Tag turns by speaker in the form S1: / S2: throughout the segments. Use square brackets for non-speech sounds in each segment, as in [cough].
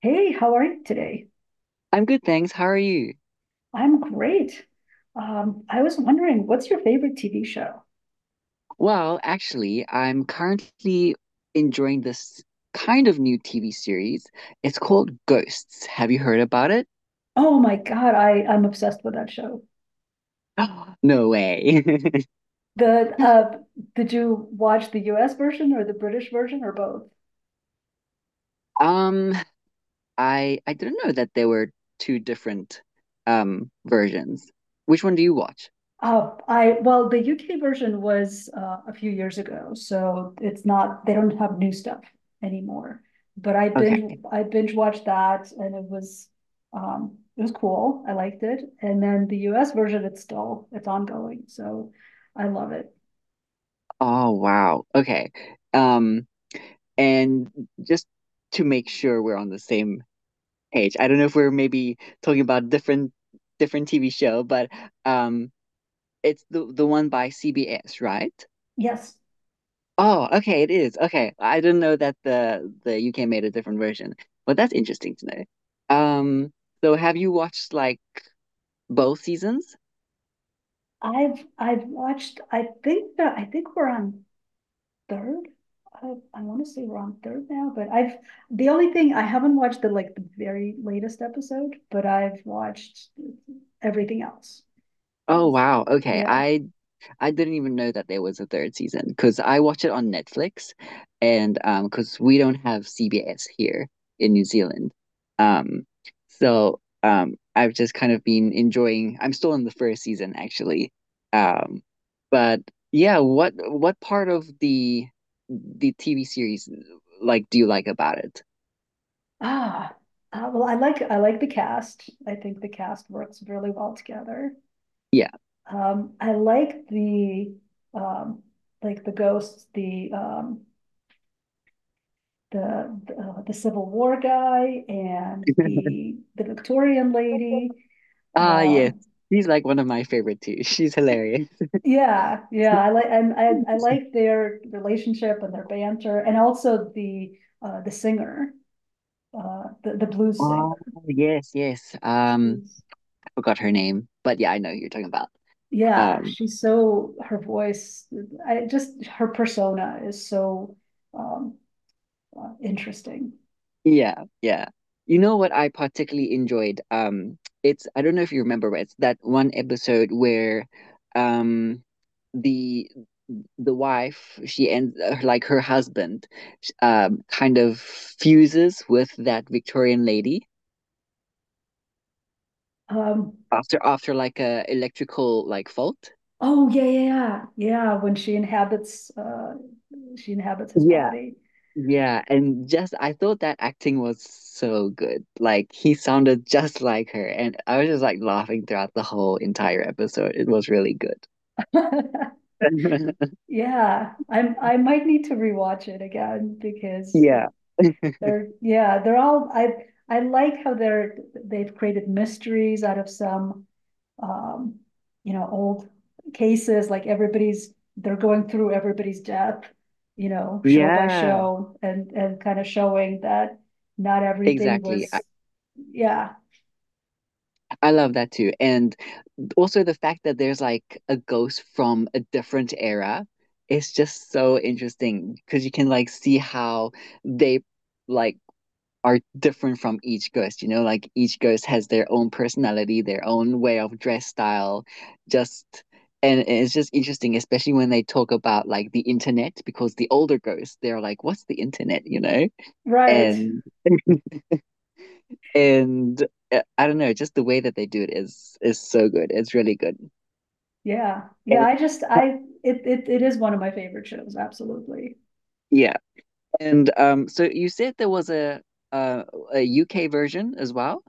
S1: Hey, how are you today?
S2: I'm good, thanks. How are you?
S1: I'm great. I was wondering, what's your favorite TV show?
S2: Well, actually, I'm currently enjoying this kind of new TV series. It's called Ghosts. Have you heard about it?
S1: Oh my God, I'm obsessed with that show.
S2: [gasps] No way. [laughs]
S1: The Did you watch the US version or the British version or both?
S2: Um, I didn't know that there were two different versions. Which one do you watch?
S1: I Well, the UK version was a few years ago, so it's not they don't have new stuff anymore. But
S2: Okay.
S1: I binge watched that, and it was cool. I liked it. And then the US version, it's ongoing, so. I love it.
S2: Oh, wow. Okay. Um, and just to make sure we're on the same page, I don't know if we're maybe talking about different TV show, but um it's the one by CBS, right?
S1: Yes,
S2: Oh, okay, it is. Okay. I didn't know that the UK made a different version. But that's interesting to know. Um, so have you watched like both seasons?
S1: I've watched. I think we're on third. I, I want to say we're on third now, but I've the only thing I haven't watched the like the very latest episode, but I've watched everything else.
S2: Oh
S1: It's-
S2: wow. Okay.
S1: Yeah.
S2: I didn't even know that there was a third season because I watch it on Netflix, and because we don't have CBS here in New Zealand. Um I've just kind of been enjoying I'm still in the first season actually. Um but yeah, what part of the TV series like do you like about it?
S1: Ah, well, I like the cast. I think the cast works really well together.
S2: Yeah.
S1: I um, like the ghosts, the Civil War guy and
S2: [laughs]
S1: the Victorian lady.
S2: Ah yes.
S1: Um,
S2: She's like one of my favorite too. She's hilarious.
S1: yeah, yeah, I like and I like
S2: [laughs]
S1: their relationship and their banter, and also the singer, the blues singer.
S2: Oh yes, yes.
S1: She's
S2: Forgot her name, but yeah, I know who you're talking about.
S1: Yeah,
S2: Um,
S1: she's so, her voice, I just her persona is so, um interesting.
S2: yeah, yeah. You know what I particularly enjoyed? It's I don't know if you remember, but it's that one episode where, um, the wife she ends like her husband, kind of fuses with that Victorian lady
S1: Um
S2: after like a electrical like fault.
S1: oh, yeah, yeah, yeah, yeah, when she inhabits his body.
S2: Yeah, and just I thought that acting was so good. Like he sounded just like her, and I was just like laughing throughout the whole entire episode. It was really good.
S1: [laughs]
S2: [laughs]
S1: Yeah, I might need to rewatch it again because
S2: Yeah.
S1: they're, yeah, they're all I like how they've created mysteries out of some, um, old cases, like everybody's, they're going through everybody's death, you know, show by
S2: Yeah,
S1: show, and kind of showing that not everything
S2: exactly.
S1: was, yeah,
S2: I love that too. And also the fact that there's like a ghost from a different era, it's just so interesting because you can like see how they like are different from each ghost, you know, like each ghost has their own personality, their own way of dress style, just and it's just interesting, especially when they talk about like the internet, because the older ghosts, they're like, what's the internet, you know?
S1: right.
S2: And and I don't know, just the way that they do it is so good. It's really good.
S1: Yeah. Yeah.
S2: And
S1: I just, it is one of my favorite shows. Absolutely.
S2: yeah. And so you said there was uh, a UK version as well,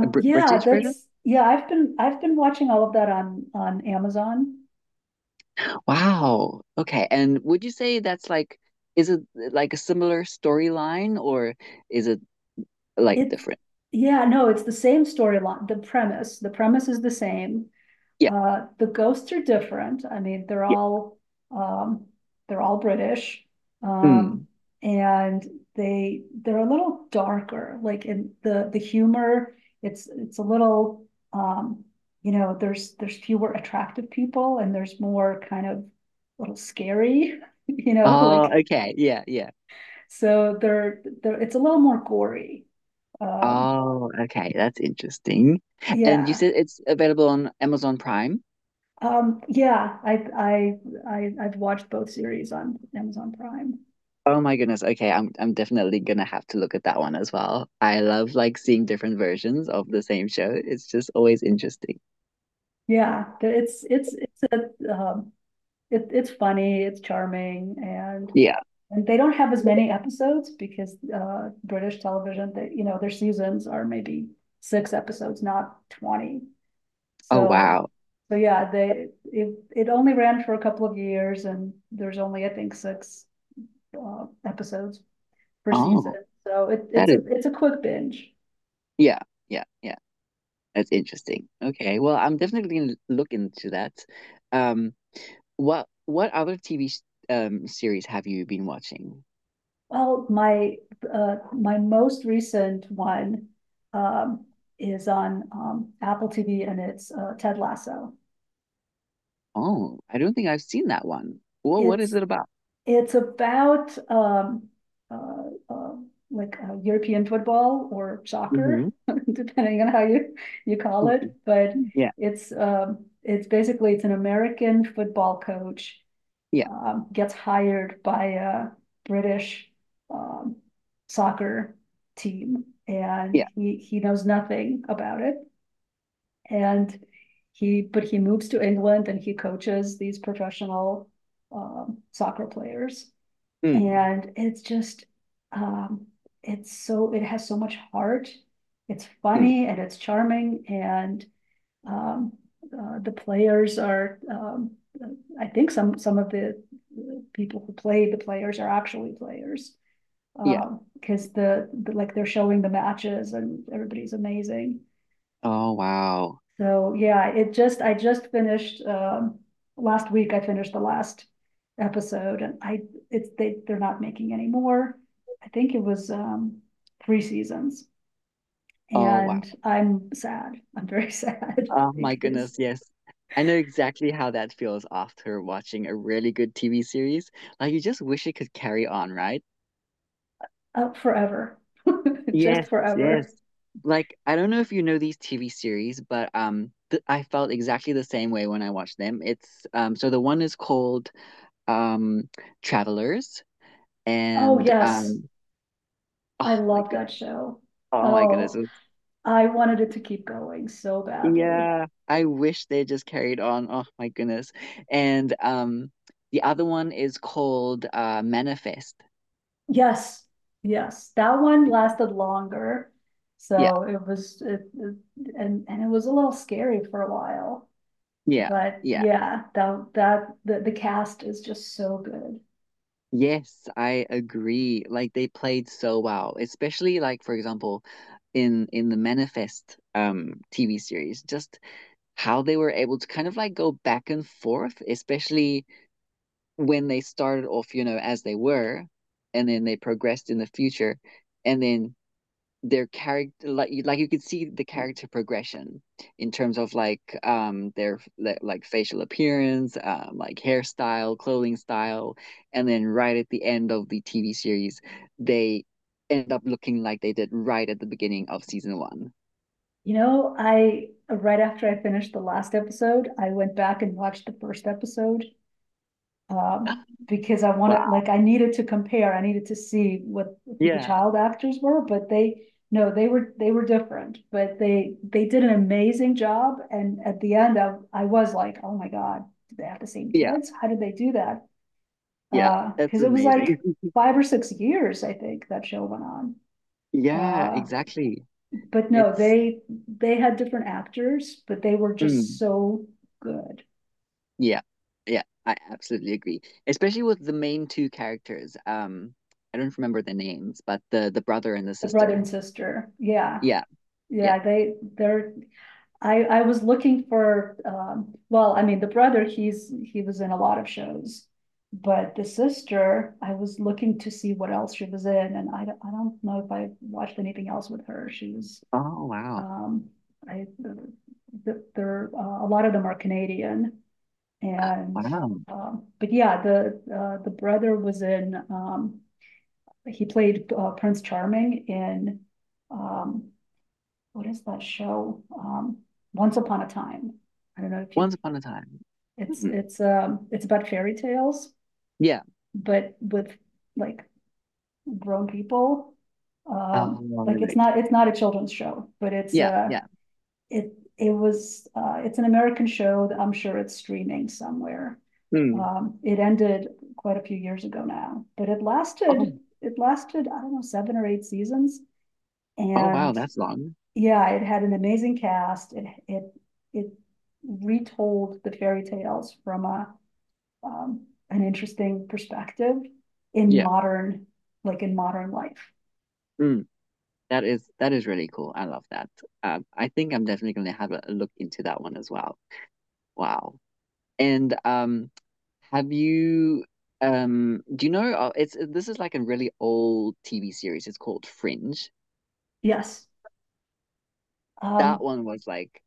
S2: a Br
S1: Yeah,
S2: British version?
S1: that's, yeah, I've been watching all of that on, Amazon.
S2: Wow. Okay. And would you say that's like, is it like a similar storyline or is it like
S1: It's,
S2: different?
S1: yeah, no, it's the same storyline, the premise is the same.
S2: Yeah.
S1: The ghosts are different. I mean,
S2: Yeah.
S1: um, they're all British, um,
S2: Mm.
S1: and they're a little darker. Like in the humor, it's a little, um, there's, fewer attractive people, and there's more kind of a little scary, [laughs] you know,
S2: Oh,
S1: like,
S2: okay. Yeah. Yeah.
S1: so they're it's a little more gory. Um,
S2: Oh, okay. That's interesting. And you
S1: yeah,
S2: said it's available on Amazon Prime?
S1: Yeah, I've watched both series on Amazon Prime.
S2: Oh my goodness. Okay. I'm definitely gonna have to look at that one as well. I love like seeing different versions of the same show. It's just always interesting.
S1: Yeah, it's a, it's funny, it's charming, and
S2: Yeah.
S1: they don't have as many episodes because British television, their seasons are maybe six episodes, not 20.
S2: Oh,
S1: So,
S2: wow.
S1: yeah, they it it only ran for a couple of years, and there's only I think six episodes per
S2: Oh,
S1: season. So
S2: that is.
S1: it's a quick binge.
S2: Yeah. Yeah. Yeah. That's interesting. Okay, well, I'm definitely gonna look into that. Um, what other TV series have you been watching?
S1: Well, my most recent one, um, is on, Apple TV, and it's, Ted Lasso.
S2: Oh, I don't think I've seen that one. Well, what is
S1: It's,
S2: it about?
S1: it's about, uh, uh, like, European football or soccer,
S2: Hmm.
S1: [laughs] depending on how you call it.
S2: [laughs]
S1: But
S2: Yeah,
S1: it's basically, it's an American football coach,
S2: yeah,
S1: gets hired by a British, um, soccer team, and
S2: yeah.
S1: he knows nothing about it. And but he moves to England, and he coaches these professional, soccer players,
S2: Mm,
S1: and um, it has so much heart. It's
S2: mm,
S1: funny, and it's charming, and um, the players are, I think some of the people who play the players are actually players.
S2: yeah.
S1: Because cause like they're showing the matches, and everybody's amazing.
S2: Oh wow.
S1: So yeah, I just finished, last week I finished the last episode. And they're not making any more. I think it was, three seasons,
S2: Oh wow.
S1: and I'm sad. I'm very sad
S2: Oh
S1: [laughs]
S2: my
S1: because
S2: goodness, yes. I know exactly how that feels after watching a really good TV series. Like you just wish it could carry on, right?
S1: up forever, [laughs] just
S2: Yes, yes.
S1: forever.
S2: Like I don't know if you know these TV series, but th I felt exactly the same way when I watched them. It's so the one is called um Travelers,
S1: Oh,
S2: and
S1: yes. I
S2: oh my
S1: love
S2: goodness.
S1: that show.
S2: Oh my goodness.
S1: Oh,
S2: It-
S1: I wanted it to keep going so badly.
S2: Yeah, I wish they just carried on. Oh my goodness. And the other one is called Manifest.
S1: Yes. Yes. That one lasted longer.
S2: Yeah.
S1: So it was, it- And it was a little scary for a while.
S2: Yeah.
S1: But
S2: Yeah.
S1: yeah, the cast is just so good.
S2: Yes, I agree. Like they played so well, especially like for example, in the Manifest TV series, just how they were able to kind of like go back and forth, especially when they started off, you know, as they were, and then they progressed in the future, and then their character like you could see the character progression in terms of like their like facial appearance like hairstyle clothing style, and then right at the end of the TV series they end up looking like they did right at the beginning of season one.
S1: You know, right after I finished the last episode, I went back and watched the first episode. Um,
S2: [gasps]
S1: because I wanted,
S2: Wow,
S1: like, I needed to compare, I needed to see what who the
S2: yeah,
S1: child actors were, but no, they were different, but they did an amazing job. And at the end, I was like, oh my God, did they have the same
S2: yeah,
S1: kids? How did they do that?
S2: yeah, that's
S1: Because it was
S2: amazing.
S1: like 5 or 6 years, I think, that show went on.
S2: [laughs] Yeah,
S1: Uh,
S2: exactly.
S1: but no,
S2: It's
S1: they had different actors, but they were just
S2: mm.
S1: so good.
S2: Yeah, yeah, I absolutely agree. Especially with the main two characters. I don't remember the names, but the brother and the
S1: The brother and
S2: sister.
S1: sister, yeah,
S2: Yeah, yeah.
S1: yeah, they they're I was looking for, well, I mean, the brother, he was in a lot of shows. But the sister, I was looking to see what else she was in, and I don't know if I watched anything else with her. She was,
S2: Oh wow,
S1: um, a lot of them are Canadian, and,
S2: wow.
S1: but yeah, the brother was in, he played Prince Charming in, um, what is that show? Once Upon a Time. I don't know if
S2: Once
S1: you,
S2: upon a time. Hmm.
S1: it's about fairy tales,
S2: Yeah.
S1: but with like grown people.
S2: Oh, all
S1: Like
S2: right.
S1: it's not a children's show, but
S2: Yeah, yeah.
S1: it's an American show that I'm sure it's streaming somewhere.
S2: Hmm.
S1: It ended quite a few years ago now, but
S2: Oh,
S1: it lasted, I don't know, seven or eight seasons.
S2: oh wow,
S1: And
S2: that's long.
S1: yeah, it had an amazing cast. It retold the fairy tales from a, an interesting perspective in
S2: Yeah.
S1: modern, like in modern life.
S2: Hmm. That is really cool. I love that. I think I'm definitely gonna have a look into that one as well. Wow. And have you do you know? It's this is like a really old TV series. It's called Fringe.
S1: Yes.
S2: That
S1: Um,
S2: one was like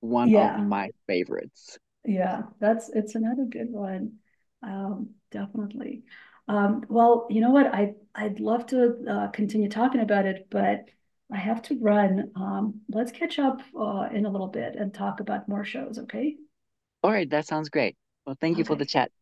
S2: one of
S1: Yeah,
S2: my favorites.
S1: yeah, that's it's another good one. Definitely. Well, you know what? I'd love to, continue talking about it, but I have to run. Let's catch up, in a little bit and talk about more shows, okay?
S2: All right, that sounds great. Well, thank you for the
S1: Okay.
S2: chat.